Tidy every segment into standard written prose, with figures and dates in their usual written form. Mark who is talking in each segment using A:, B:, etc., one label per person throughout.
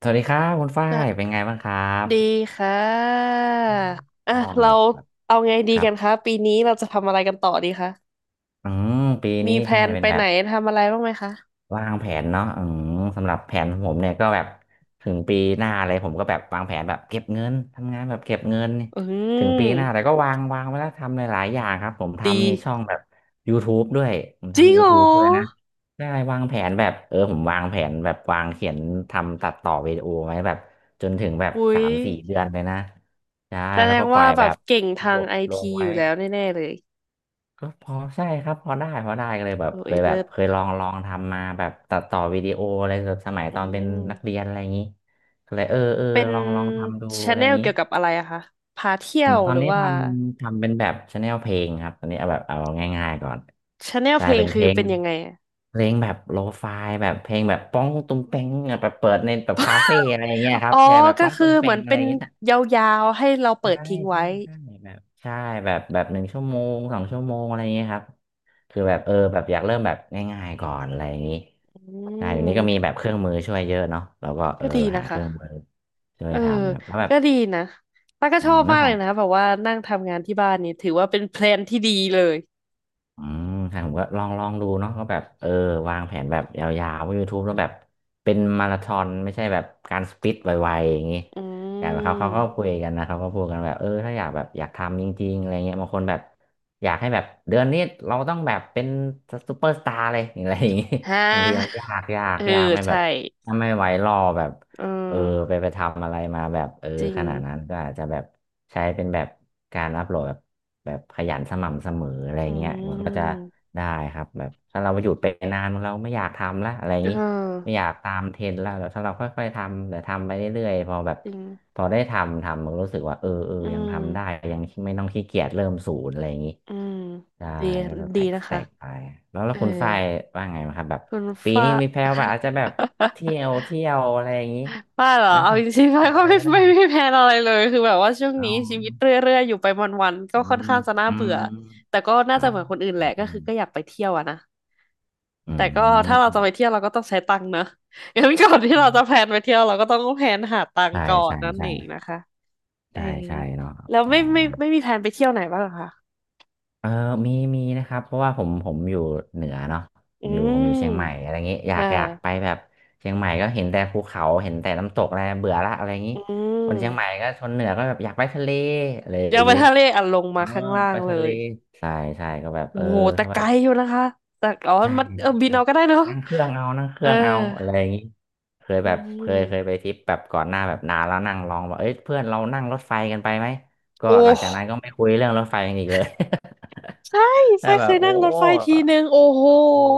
A: สวัสดีครับคุณฝ้า
B: อ่ะ
A: ยเป็นไงบ้างครับ
B: ดีค่ะ
A: อ
B: อ่ะ
A: อ๋อ
B: เรา
A: ครับ
B: เอาไงดี
A: ครั
B: กั
A: บ
B: นคะปีนี้เราจะทำอะไรกันต่อดีคะ
A: อืมปี
B: มี
A: นี้
B: แพล
A: ใช่
B: น
A: เป็
B: ไป
A: นแบ
B: ไหน
A: บ
B: ทำอะไรบ้างไหมคะ
A: วางแผนเนาะอืมสำหรับแผนของผมเนี่ยก็แบบถึงปีหน้าอะไรผมก็แบบวางแผนแบบเก็บเงินทำงานแบบเก็บเงินนี่
B: อื
A: ถึงปีหน้าแต่
B: ม
A: ก็วางไว้แล้วทำหลายๆอย่างครับผม
B: ดี
A: ทำในช่องแบบ YouTube ด้วยผม
B: จริง
A: ทำ
B: เหร
A: YouTube ด้วยนะ
B: อ
A: ได้วางแผนแบบเออผมวางแผนแบบวางเขียนทำตัดต่อวิดีโอไว้แบบจนถึงแบบ
B: อุ้
A: สา
B: ย
A: มสี่เดือนเลยนะใช่
B: แสด
A: แล้ว
B: ง
A: ก็ปล่
B: ว่า
A: อย
B: แบ
A: แบ
B: บ
A: บ
B: เก่ง
A: ระ
B: ทา
A: บ
B: ง
A: บ
B: ไอ
A: ล
B: ที
A: ง
B: อ
A: ไว้
B: ยู่แล้วแน่ๆเลย
A: ก็พอใช่ครับพอได้ก็เลยแบบ
B: โอ้
A: เค
B: ย
A: ยแบ
B: เลิ
A: บ
B: ศ
A: เคยลองทำมาแบบตัดต่อวิดีโออะไรแบบสมัย
B: อื
A: ตอนเป็นนักเรี
B: ม
A: ยนอะไรอย่างนี้ก็เลยเออ
B: เป็น
A: ลองทำดู
B: ชา
A: อะไร
B: แน
A: อย่า
B: ล
A: งนี้
B: เกี่ยวกับอะไรอะคะพาเที่
A: ผ
B: ย
A: ม
B: ว
A: ตอ
B: ห
A: น
B: รือ
A: นี้
B: ว่า
A: ทำเป็นแบบชาแนลเพลงครับตอนนี้เอาง่ายๆก่อน
B: ชาแนล
A: ก
B: เพ
A: ลาย
B: ลง
A: เป็นเพ
B: คื
A: ล
B: อ
A: ง
B: เป็นยังไงอะ
A: เพลงแบบโลฟายแบบเพลงแบบป้องตุ้มเป้งแบบเปิดในแบบคาเฟ่อะไรอย่างเงี้ยครั
B: อ๋
A: บ
B: อ
A: ใช่แบบ
B: ก็
A: ป้อง
B: คือ
A: ตุ้ม
B: เห
A: เป้
B: มือ
A: ง
B: น
A: อะ
B: เป็
A: ไรอ
B: น
A: ย่างเงี้ย
B: ยาวๆให้เราเปิ
A: ใช่
B: ดทิ้ง
A: ใช่
B: ไว้
A: ใช่แบบใช่แบบแบบหนึ่งชั่วโมงสองชั่วโมงอะไรอย่างเงี้ยครับคือแบบเออแบบอยากเริ่มแบบง่ายๆก่อนอะไรอย่างงี้
B: อื
A: อยู่นี้ก็มี
B: ม
A: แบบเครื่องมือช่วยเยอะเนาะแล้วก็เอ
B: ก็
A: อ
B: ดีนะ
A: หาเค
B: คะ
A: รื่องมือช่วย
B: เออ
A: ทำครับแล้วแบบ
B: ก็ดีนะป้าก็
A: อื
B: ชอ
A: ม
B: บ
A: เรื่อ
B: มา
A: ง
B: ก
A: ข
B: เล
A: อง
B: ยนะแบบว่านั่งทำงานที่บ้านนี่ถือว่าเป็นแพลนที่ดีเลย
A: อืมใช่ผมก็ลองดูเนาะก็แบบเออวางแผนแบบยาวๆว่า YouTube แล้วแบบเป็นมาราธอนไม่ใช่แบบการสปิดไวๆอย่างงี้
B: อื
A: อย่างเขาก็
B: ม
A: คุยกันนะเขาก็พูดกันแบบเออถ้าอยากแบบอยากทำจริงๆอะไรเงี้ยบางคนแบบอยากให้แบบเดือนนี้เราต้องแบบเป็นซูเปอร์สตาร์เลยอะไรอย่างงี้
B: ฮะ
A: บางทีมันยากยา ก
B: เออ
A: ยากไม่แบ
B: ใช่
A: บถ้าไม่ไหวรอแบบ
B: เอ
A: เออไป
B: อ
A: ไปทำอะไรมาแบบเออ
B: จริง
A: ขนาดนั้นก็อาจจะแบบใช้เป็นแบบการอัพโหลดแบบ แบบขยันสม่ำเสมออะไร
B: อื
A: เงี้ยมันก็จะ
B: ม
A: ได้ครับแบบถ้าเราหยุดไปนานเราไม่อยากทำละอะไรอ
B: เ
A: ย่างนี้ไม่
B: ออ
A: อยากตามเทรนด์ละแล้วถ้าเราค่อยๆทำแต่ทำไปเรื่อยๆพอแบบ
B: จริง
A: พอได้ทำมันรู้สึกว่าเออ
B: อื
A: ยังทำได้
B: ม
A: ยังไม่ต้องขี้เกียจเริ่มศูนย์อะไรอย่างนี้
B: อืม
A: ได้
B: ดี
A: ก็ส
B: ดี
A: แต็ก
B: นะ
A: สแต็
B: คะ
A: กไปแล้วแล้
B: เอ
A: ว
B: อ
A: คุณฝ้ายว่าไงไหมครับแบบ
B: คุณ
A: ปี
B: ฟ้า
A: นี้มีแพลนว่าอาจจะแบบ เที่ยวอะไรอย่างนี้
B: ป้าเหรอ
A: ไหม่
B: เอา
A: แฟ
B: จ
A: น
B: ริงๆ
A: ห
B: ป้า
A: รือ
B: ก็
A: อะไร
B: ไม่
A: ก็ได้
B: ไม่ไมีแพลนอะไรเลยคือแบบว่าช่วง
A: อ๋อ
B: นี้ชีวิตเรื่อยๆอยู่ไปวันๆก็
A: อื
B: ค่อน
A: ม
B: ข้างจะน่า
A: อื
B: เบื่
A: ม
B: อแต่ก็น่า
A: อ๋อ
B: จะเหมือนคนอื่นแหละก็คือก็อยากไปเที่ยวอะนะ
A: อื
B: แต่ก็ถ้าเรา
A: ม
B: จะไปเที่ยวเราก็ต้องใช้ตังค์นะ งั้นก่อนที่เราจะแพลนไปเที่ยวเราก็ต้องแพลนหาตังค์
A: ใช่
B: ก่อน
A: ใช่
B: นั่น
A: ใช่
B: เองนะคะเออ
A: ใช่ใช่เนาะ
B: แล้ว
A: อ๋อ
B: ไม่มีแพลนไปเที่ยวไหนบ้างเหรอคะ
A: เออมีมีนะครับเพราะว่าผมอยู่เหนือเนาะผ
B: อื
A: มอยู่ผมอยู่เชียงใหม่
B: ม
A: อะไรอย่างงี้อยา
B: อ่
A: กอยากไป
B: า
A: แบบเชียงใหม่ก็เห็นแต่ภูเขาเห็นแต่น้ำตกอะไรเบื่อละอะไรอย่างงี้
B: อื
A: คนเชียงใหม่
B: ม
A: ก็ชนเหนือก็แบบอยากไปทะเลอะไรอ
B: ยัง
A: ย่าง
B: ไป
A: งี้
B: ทะเลอ่ะลง
A: เอ
B: มา
A: อ
B: ข้างล่า
A: ไป
B: งเล
A: ทะเล
B: ย
A: ใช่ใช่ก็แบบเอ
B: โอ้
A: อ
B: โหแต่
A: ถ้า
B: ไก
A: แบ
B: ล
A: บ
B: อยู่นะคะแต่อ๋อ
A: ใช่
B: มันเออบิ
A: ค
B: น
A: รับ
B: เอาก็ได้เนอะ
A: นั่งเครื่องเอานั่งเค
B: เอ
A: รื่
B: อ
A: องเอาอะไรอย่างนี้เคย
B: อื
A: แบบเคยไป
B: ม
A: ทริปแบบก่อนหน้าแบบนานแล้วนั่งลองว่าเอ้ยเพื่อนเรานั่งรถไฟกันไปไหมก็
B: โอ
A: หลัง
B: ้
A: จากนั้นก็ไม่คุยเรื่องรถไฟกันอีกเลย
B: ใช่ ไฟ
A: แต่แบ
B: เค
A: บ
B: ย
A: โอ้
B: นั่งรถไฟทีนึงโอ้โห
A: ลองดู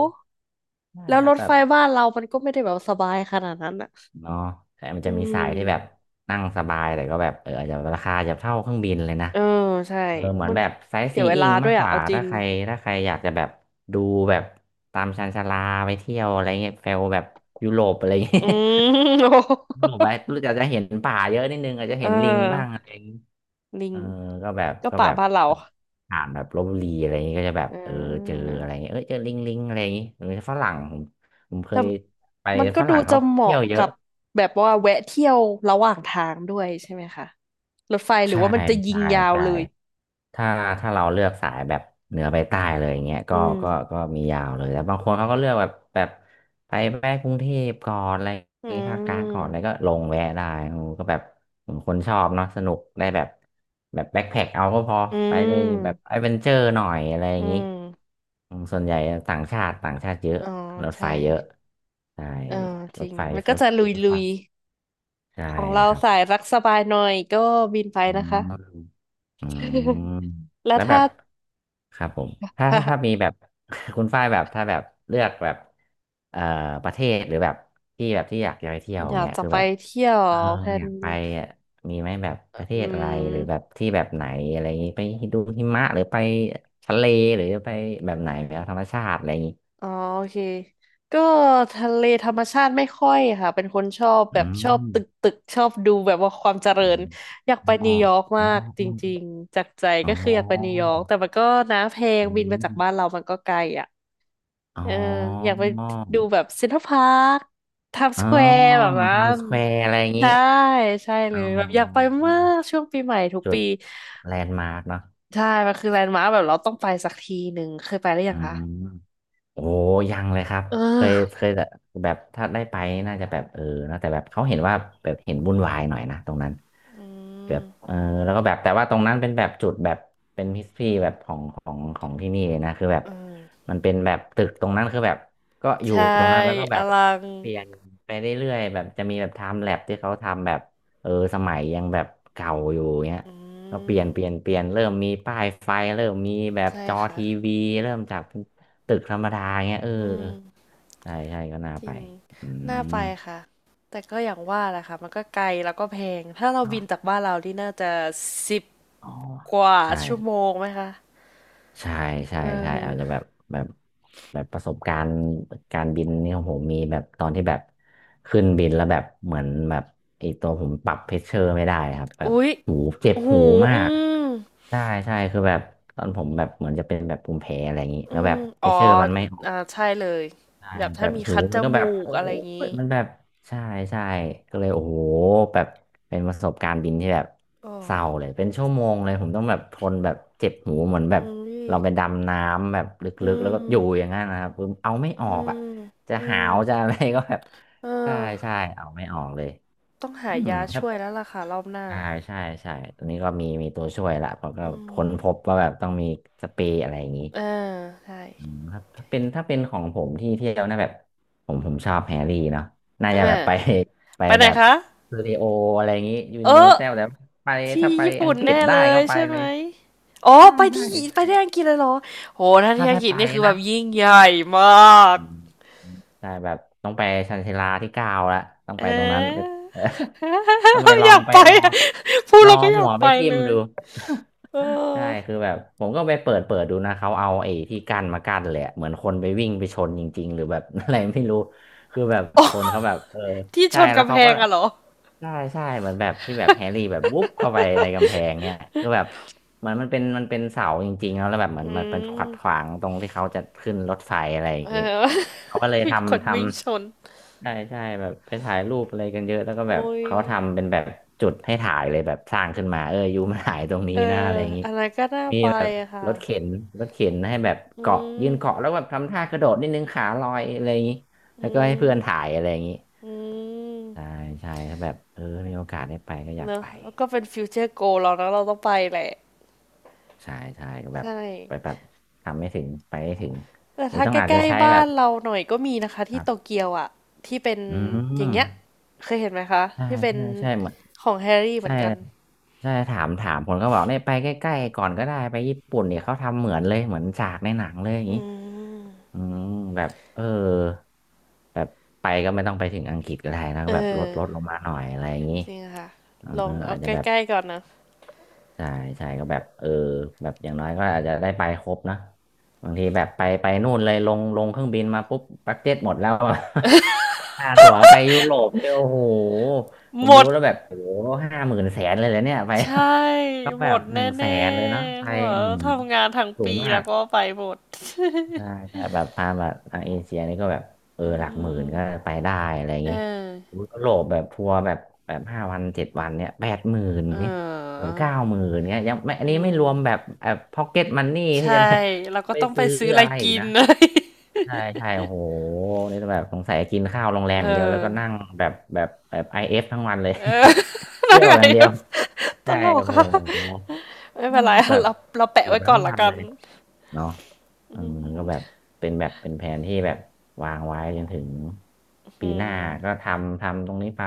A: ได้
B: แล้ว
A: ค
B: ร
A: รับ
B: ถ
A: แบ
B: ไฟ
A: บ
B: บ้านเรามันก็ไม่ได้แบบสบายขนาดนั้นอ่ะ
A: เนาะแต่มัน
B: อื
A: จะมีสายที่แบบ
B: ม
A: นั่งสบายแต่ก็แบบเอออาจจะราคาอาจจะเท่าเครื่องบินเลยนะ
B: เออใช่
A: เออเหมือน
B: มัน
A: แบบไซต์
B: เสี
A: ซี
B: ยเว
A: อิ้
B: ลา
A: ง
B: ด้
A: มา
B: ว
A: ก
B: ย
A: ก
B: อ่ะ
A: ว่า
B: เอาจริ
A: ถ้า
B: ง
A: ใครถ้าใครอยากจะแบบดูแบบตามชานชาลาไปเที่ยวอะไรเงี้ยเฟลแบบยุโรปอะไรเงี้ย
B: อืมโอ
A: ยุโรป
B: ้
A: ไปรู้จักจะเห็นป่าเยอะนิดนึงอาจจะ
B: เอ
A: เห็นลิงบ้าง
B: อ
A: อะไรอย่างงี้
B: ลิ
A: เอ
B: ง
A: อก็แบบ
B: ก็
A: ก็
B: ป่า
A: แบบ
B: บ้านเรา
A: เออผ่านแบบลพบุรีอะไรอย่างงี้ก็จะแบบ
B: เ
A: เออเจอ
B: ออ
A: อะไรเงี้ยเออเจอลิงอะไรอย่างงี้หรือฝรั่งผมเค
B: แต่
A: ยไป
B: มันก็
A: ฝ
B: ดู
A: รั่ง
B: จะ
A: เขา
B: เห
A: เที่
B: มาะ
A: ยวเย
B: กั
A: อะ
B: บแบบว่าแวะเที่ยวระหว่างทางด้วยใช่ไหมคะรถไฟหรือ
A: ใช่
B: ว่ามันจะยิ
A: ใช่
B: งยาว
A: ใช่
B: เลย
A: ถ้าถ้าเราเลือกสายแบบเหนือไปใต้เลยอย่างเงี้ย
B: อื
A: ก็
B: ม
A: ก็ก็มียาวเลยแต่บางคนเขาก็เลือกแบบไปแวะกรุงเทพก่อนอะไรอย่
B: อื
A: างงี้ภาคกลางก่อนอะไรก็
B: ม
A: ลงแวะได้โอ้ก็แบบเหมือนคนชอบเนาะสนุกได้แบบแบบแบ็คแพ็คเอาก็พอ
B: อื
A: ไปเลยแบบแอ
B: ม
A: ดเวนเจอร์หน่อยอะไรอ
B: อื
A: ย่างงี้
B: ม
A: อืมส่วนใหญ่ต่างชาติเยอะ
B: อ๋อ
A: รถไฟ
B: ใช่
A: เยอะใช่
B: เออจ
A: ร
B: ริ
A: ถ
B: ง
A: ไฟ
B: มันก็
A: รถ
B: จะล
A: รถ
B: ุ
A: ไฟ
B: ย
A: ใช่
B: ๆ ของเรา
A: ครับ
B: สายรักสบายหน่อยก็บินไป
A: อื
B: นะคะ
A: ม อืม
B: แล้ว
A: แล้วแบ
B: ถ้า
A: บ ครับผมถ้า
B: ค่ะ
A: ถ้าถ้ามีแบบ คุณฝ้ายแบบถ้าแบบเลือกแบบเอ่อประเทศหรือแบบที่แบบที่อยากจะไปเที่ยวอ
B: อ
A: ย่าง
B: ยาก
A: เงี้ย
B: จะ
A: คือ
B: ไป
A: แบบ
B: เที่ยว
A: เออ
B: แพ
A: อ
B: น
A: ยากไปอ่ะมีไหมแบบประเท
B: อื
A: ศอะไรหรือแบบ
B: ม
A: ที่แบบไหนอะไรอย่างงี้ไปดูหิมะหรือไปทะเลหรือไปแบบไหนแบบธรรมชาติอะไรอย่างงี้
B: อ๋อโอเค ก็ทะเลธรรมชาติไม่ค่อยค่ะ เป็นคนชอบแบ
A: อื
B: บชอบ
A: ม
B: ตึกตึกชอบดูแบบว่าความเจริ
A: อ๋
B: ญ อยากไป
A: อ
B: นิวยอร์ก
A: อ๋
B: มากจริ
A: อ
B: งๆ จากใจ
A: อ๋อ
B: ก็คือ
A: อ๋
B: อยากไปนิวยอร์ก
A: อ
B: แต่มันก็นะแพง
A: อื
B: บินไป
A: ม
B: จากบ้านเรามันก็ไกลอ่ะ
A: อ๋อ
B: เอออยากไปดูแบบเซ็นทรัลพาร์คไทม์ส
A: อ๋อ
B: แควร์แบบนั้
A: ไทม์
B: น
A: สแควร์อะไรอย่างนี้
B: ใช่ใช่
A: อ๋
B: เลยแบบอยากไป
A: อ
B: มากช่วงปีใหม่ทุก
A: จุ
B: ปี
A: ดแลนด์มาร์กเนาะ
B: ใช่มันคือแลนด์มาร์คแบบเราต้องไปสักทีหนึ่งเคยไปหรือ
A: อื
B: ยัง
A: ม
B: คะ
A: โอ้ยังเลยครับ
B: เอ
A: เค
B: อ
A: ยเคยแต่แบบถ้าได้ไปน่าจะแบบเออนะแต่แบบเขาเห็นว่าแบบเห็นวุ่นวายหน่อยนะตรงนั้น
B: อื
A: แบบ
B: ม
A: เออแล้วก็แบบแต่ว่าตรงนั้นเป็นแบบจุดแบบเป็นฮิสทรีแบบของที่นี่เลยนะคือแบบ
B: อืม
A: มันเป็นแบบตึกตรงนั้นคือแบบก็อยู่
B: ใช่
A: ตรงนั้นแล้วก็แบ
B: อ
A: บ
B: ลัง
A: เปลี่ยนไปเรื่อยๆแบบจะมีแบบไทม์แลปที่เขาทำแบบเออสมัยยังแบบเก่าอยู่เงี้ย
B: อื
A: เราเปลี่ยนเปลี่ยน
B: ม
A: เปลี่ยนเริ่มมีป้ายไฟเริ่มมีแบบ
B: ใช่
A: จอ
B: ค่ะ
A: ทีวีเริ่มจากเป็นตึกธรรมดาเงี้ยเออ
B: อืม
A: ใช่ใช่ก็น่า
B: จ
A: ไป
B: ริง
A: อื
B: น่า
A: ม
B: ไปค่ะแต่ก็อย่างว่าแหละค่ะมันก็ไกลแล้วก็แพงถ้าเรา
A: เนาะ
B: บินจากบ้านเราที่น่าจะสิบ
A: อ๋อ
B: กว่า
A: ใช่
B: ชั่วโมงไหมคะ
A: ใช่ใช่
B: เอ
A: ใช่อาจ
B: อ
A: จะแบบแบบแบบประสบการณ์การบินนี่ของผมมีแบบตอนที่แบบขึ้นบินแล้วแบบเหมือนแบบไอตัวผมปรับเพชเชอร์ไม่ได้ครับแบบ
B: อุ๊ย
A: หูเจ็บ
B: โอ้โห
A: หูมา
B: อื
A: ก
B: ม
A: ใช่ใช่คือแบบตอนผมแบบเหมือนจะเป็นแบบภูมิแพ้อะไรอย่างนี้
B: อื
A: แล้วแบ
B: ม
A: บเพ
B: อ๋อ
A: ชเชอร์มันไม่
B: อ่าใช่เลย
A: ใช่
B: แบบ
A: แบ
B: ถ้า
A: บ
B: มี
A: โห
B: คัดจ
A: มันก็แบ
B: มู
A: บ
B: ก
A: โอ้
B: อะไรอย่างงี้
A: ยมันแบบใช่ใช่ก็เลยโอ้โหแบบเป็นประสบการณ์บินที่แบบ
B: โอ้
A: เศร้าเลยเป็นชั่วโมงเลยผมต้องแบบทนแบบเจ็บหูเหมือนแบ
B: อื
A: บเราไป
B: ม
A: ดำน้ำแบบล
B: อื
A: ึกๆแล้ว
B: ม
A: ก็อยู่อย่างนั้นนะครับคือเอาไม่อ
B: อื
A: อกอ่ะ
B: ม
A: จะ
B: อื
A: หา
B: ม
A: วจะอะไรก็แบบ
B: เออ
A: ใช่ใช่เอาไม่ออกเลย
B: ต้องหา
A: อืม
B: ยา
A: ครั
B: ช่
A: บ
B: วยแล้วล่ะค่ะรอบหน้า
A: ใช่ใช่ใช่ตอนนี้ก็มีตัวช่วยละผมก็
B: อื
A: ค้นพ
B: ม
A: บว่าแบบต้องมีสเปรย์อะไรอย่างนี้
B: เออใช่
A: อืมครับถ้าเป็นถ้าเป็นของผมที่เที่ยวนะแบบผมชอบแฮร์รี่เนาะน่า
B: เอ
A: จะแบบ
B: อ
A: ไป ไป
B: ไปไหน
A: แบบ
B: คะ
A: สตูดิโออะไรอย่างงี้ยู
B: เอ
A: นิเวอร์
B: อ
A: แซลแต่ไป
B: ที่
A: ถ้าไป
B: ญี่
A: อั
B: ปุ่
A: ง
B: น
A: กฤษ
B: แน่
A: ได้
B: เล
A: ก็
B: ย
A: ไป
B: ใช่
A: เล
B: ไหม
A: ย
B: อ๋อ
A: ใช่
B: ไป
A: ใช่
B: ที่ไป
A: ใช่
B: ที่อังกฤษเลยเหรอโหถ้า
A: ถ้า
B: ที่อัง
A: ถ้า
B: กฤษ
A: ไป
B: นี่คือแบ
A: นะ
B: บยิ่งใหญ่มาก
A: อืมใช่แบบต้องไปชันชาลาที่เก้าละต้อง
B: เ
A: ไปตรงนั้น
B: อ
A: ทำไม
B: อ
A: ล อ
B: อ
A: ง
B: ยาก
A: ไป
B: ไป
A: ลอง
B: อะพูด
A: ลอ
B: แล้ว
A: ง
B: ก็
A: เอา
B: อ
A: หั
B: ยาก
A: วไป
B: ไป
A: ทิ่ม
B: เลย
A: ดู
B: เอ
A: ใช่
B: อ
A: คือแบบผมก็ไปเปิดดูนะเขาเอาไอ้ที่กั้นมากั้นแหลยอะเหมือนคนไปวิ่งไปชนจริงๆหรือแบบ อะไรไม่รู้คือแบบคนเขาแบบเออ
B: ที่ช
A: ใช่
B: น
A: แล้ว
B: กำ
A: เขา
B: แพ
A: ก็
B: งอะเหรอ
A: ใช่ใช่เหมือนแบบที่แบบแฮร์รี่แบบวุบเข้าไปในกำแพงเนี่ยคือแบบเหมือนมันเป็นเสาจริงๆแล้วแบบเหมื
B: อื
A: อนมันเป็นขัดขวา
B: ม
A: งตรงที่เขาจะขึ้นรถไฟอะไรอย่า
B: เอ
A: งนี้
B: อ
A: เขาก็เลย
B: มีคน
A: ทำท
B: วิ่งชน
A: ำ ใช่ใช่แบบไปถ่ายรูปอะไรกันเยอะแล้วก็แบบ
B: โอ้ย
A: เขาทำเป็นแบบจุดให้ถ่ายเลยแบบสร้างขึ้นมาเอออยู่มาถ่ายตรงนี้
B: เออ
A: นะอะไรอย่างนี้
B: อะไรก็น่า
A: มี
B: ไป
A: แบบ
B: อะค่ะ
A: รถเข็นรถเข็นให้แบบ
B: อื
A: เกาะยื
B: ม
A: นเกาะแล้วแบบทำท่ากระโดดนิดนึงขาลอยอะไรอย่างนี้
B: อื
A: แล้วก็ให้เพื่อน
B: ม
A: ถ่ายอะไรอย่างนี้
B: อืม
A: ใช่ใช่ถ้าแบบเออมีโอกาสได้ไปก็อยา
B: เน
A: ก
B: อะ
A: ไป
B: แล้วก็เป็นฟิวเจอร์โกลเรานะเราต้องไปแหละ
A: ใช่ใช่ก็แบบ
B: ใช่
A: ไปแบบทำไม่ถึงไปไม่ถึง
B: แต่
A: นี่
B: ถ้า
A: ต้องอาจ
B: ใก
A: จะ
B: ล้
A: ใช้
B: ๆ
A: แบ
B: บ้าน
A: บ
B: เราหน่อยก็มีนะคะ
A: ค
B: ที่
A: รั
B: โต
A: บ
B: เกียวอ่ะที่เป็น
A: อื
B: อย่างเงี้ย
A: ม
B: เคยเห็นไหมคะ
A: ใช่
B: ที่เป็น
A: ใช่ใช่เหมือน
B: ของแฮร์รี่เหมื
A: ใช่
B: อนกัน
A: ใช่ถามผมก็บอกเนี่ยไปใกล้ๆก่อนก็ได้ไปญี่ปุ่นเนี่ยเขาทำเหมือนเลยเหมือนฉากในหนังเลยอย่าง
B: อื
A: นี้
B: ม
A: อืมแบบเออแบบไปก็ไม่ต้องไปถึงอังกฤษก็ได้นะ
B: เอ
A: ก็แบบลด
B: อ
A: ลดลงมาหน่อยอะไรอย่างนี้
B: จริงค่ะ
A: เออ
B: ลองเอา
A: อาจ
B: ใก
A: จะแบบ
B: ล้ๆก่อนนะ
A: ใช่ใช่ก็แบบเออแบบอย่างน้อยก็อาจจะได้ไปครบนะบางทีแบบไปนู่นเลยลงเครื่องบินมาปุ๊บบัดเจ็ตหมดแล้วอะ ค่าตั๋วไปยุโรปเนี่ยโอ้โหผ
B: ห
A: ม
B: ม
A: ดู
B: ด
A: แล้วแบบโอ้โห50,000แสนเลยเหรอเนี่ยไป
B: ใช่
A: ต้อง
B: หม
A: แบบ
B: ดแ
A: หนึ่งแส
B: น่
A: นเลยเนาะไป
B: ๆหัว
A: อืม
B: ทำงานทั้ง
A: สู
B: ปี
A: งมา
B: แล้ว
A: ก
B: ก็ไปหมด
A: ใช่ใช่แต่แบบพามาทางเอเชียนี่ก็แบบเอ อ
B: อื
A: หลักหมื่
B: ม
A: นก็ไปได้อะไรอย่าง
B: เอ
A: นี้
B: อ
A: อุ๊ยยุโรปแบบทัวร์แบบแบบ5 วัน7 วันเนี่ย80,000
B: เอ
A: เนี่ยแบ
B: อ
A: บ90,000เนี่ยยังไม่อั
B: อื
A: นนี้ไม่รวมแบบ
B: ม
A: แบบ พ็อกเก็ตมันนี่ที่
B: ใช่
A: จะไป
B: เรา ก็
A: ไป
B: ต้องไป
A: ซื้อ
B: ซื้ออะไร
A: อะไรอี
B: กิ
A: ก
B: น
A: นะ
B: เลย
A: ใช่ใช่โอ้โหนี่แบบสงสัยกินข้าวโรงแร มอย่างเดียวแล้ว
B: เออ
A: ก็นั่งแบบแบบแบบไอเอฟทั้งวันเลย
B: เออ แล้
A: เที่
B: ว
A: ยว
B: ไง
A: อย่างเดียว
B: ต
A: ใช่
B: ลก
A: โอ้โห
B: ค่ะไม่เป็นไร
A: แบบ
B: เราเรา
A: อ
B: แปะ
A: ยู่
B: ไว้ก่
A: ทั้
B: อ
A: ง
B: นละ
A: วัน
B: กั
A: เล
B: น
A: ย เนาะอืมก็แบบเป็นแบบเป็นแผนที่แบบวางไว้จนถึง
B: อ
A: ปี
B: ื
A: ห
B: ม
A: น้าก็ทำตรงนี้ไป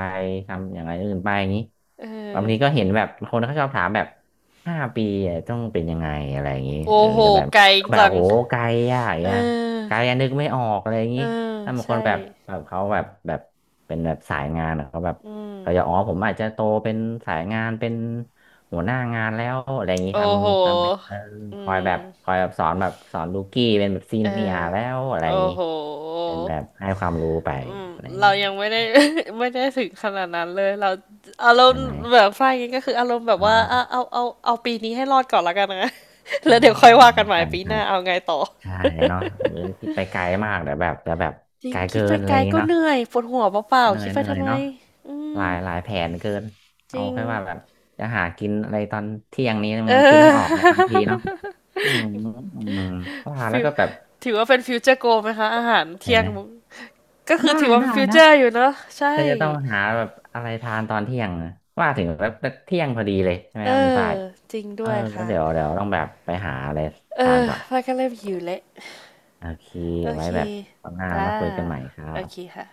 A: ทำอย่างไรอื่นไปอย่างนี้
B: เอ
A: บาง
B: อ
A: ทีก็เห็นแบบคนเขาชอบถามแบบ5 ปีอะต้องเป็นยังไงอะไรอย่างนี้เอ
B: โอ้
A: อ
B: โห
A: แต่แบบ
B: ไกล
A: แบบ
B: จัง
A: โหไกลอะอย่าง
B: เอ
A: เงี้ยไกล
B: อ
A: อะนึกไม่ออกอะไรอย่าง
B: เอ
A: นี้
B: อ
A: ถ้าบางค
B: ใช่
A: นแบบแบบเขาแบบแบบเป็นแบบสายงานอะเขาแบบ
B: อื
A: เขาจะ
B: ม
A: อ๋อผมอาจจะโตเป็นสายงานเป็น หัวหน้างานแล้วอะไรอย่างนี้ท
B: โอ้โห
A: ำทำเป็นเออ
B: อื
A: คอยแบบ
B: ม
A: คอยแบบสอนแบบสอนลูกี้เป็นแบบซี
B: เอ
A: เนีย
B: อ
A: ร์แล้วอะไรอ
B: โอ้
A: ย่างนี้
B: โห
A: เป็นแบบให้ความรู้ไป
B: อืม
A: อะไรอย่าง
B: เรา
A: นี้
B: ยังไม่
A: ค
B: ได้
A: รับ
B: ไม่ได้ถึงขนาดนั้นเลยเราอารม
A: ใช่
B: ณ์
A: ไหม
B: แบบฝ้ายงี้ก็คืออารมณ์แบบ
A: อ๋อ
B: ว่าอ่ะเอาปีนี้ให้รอดก่อนละกันนะ
A: อ๋
B: แล้
A: อ
B: วเดี๋ยวค่อยว่ากันใหม่
A: ใช่
B: ปีห
A: ใช่
B: น้าเอาไงต่อ
A: ใช่เนาะเออคิดไปไกลมากเดี๋ยวแบบเดี๋ยวแบบ
B: จริ
A: ไก
B: ง
A: ล
B: คิ
A: เกิ
B: ดไป
A: นอะไร
B: ไกล
A: อย่างนี้
B: ก็
A: เนาะ
B: เหนื่อยปวดหัวเปล่า
A: เหนื่
B: ๆ
A: อ
B: คิ
A: ย
B: ดไป
A: เหนื่อ
B: ทำ
A: ย
B: ไม
A: เนาะ
B: อื
A: หลา
B: ม
A: ยหลายแผนเกิน
B: จ
A: เอา
B: ริง
A: แค่ว่าแบบจะหากินอะไรตอนเที่ยงนี้มั
B: เอ
A: นยังคิดไม่ออกเลยบางที
B: อ
A: เนาะอืมอืมว่าแล้
B: ฟิ
A: ว
B: ว
A: ก็แบบ
B: ถือว่าเป็นฟิวเจอร์โกไหมคะอาหาร
A: เห็น
B: เที่ย
A: ไห
B: ง
A: ม
B: มึงก็คือ
A: ได้
B: ถือว่าเป็
A: ได้
B: นฟิวเจ
A: นะ
B: อร์อยู่เนอะใช่
A: ฉันจะต้องหาแบบอะไรทานตอนเที่ยงนะว่าถึงแบบเที่ยงพอดีเลยใช่ไหม
B: เอ
A: ครับคุณ
B: อ
A: ฝ้าย
B: จริง
A: เอ
B: ด้
A: อ
B: วยค่ะ
A: เดี๋ยวต้องแบบไปหาอะไร
B: เอ
A: ทาน
B: อ
A: ก่อน
B: พายก็เริ่มหิวแล้ว
A: โอเค
B: โอ
A: ไว้
B: เค
A: แบบครัหน้า
B: จ้า
A: มาคุยกันใหม่ครั
B: โอเค
A: บ
B: ค่ะ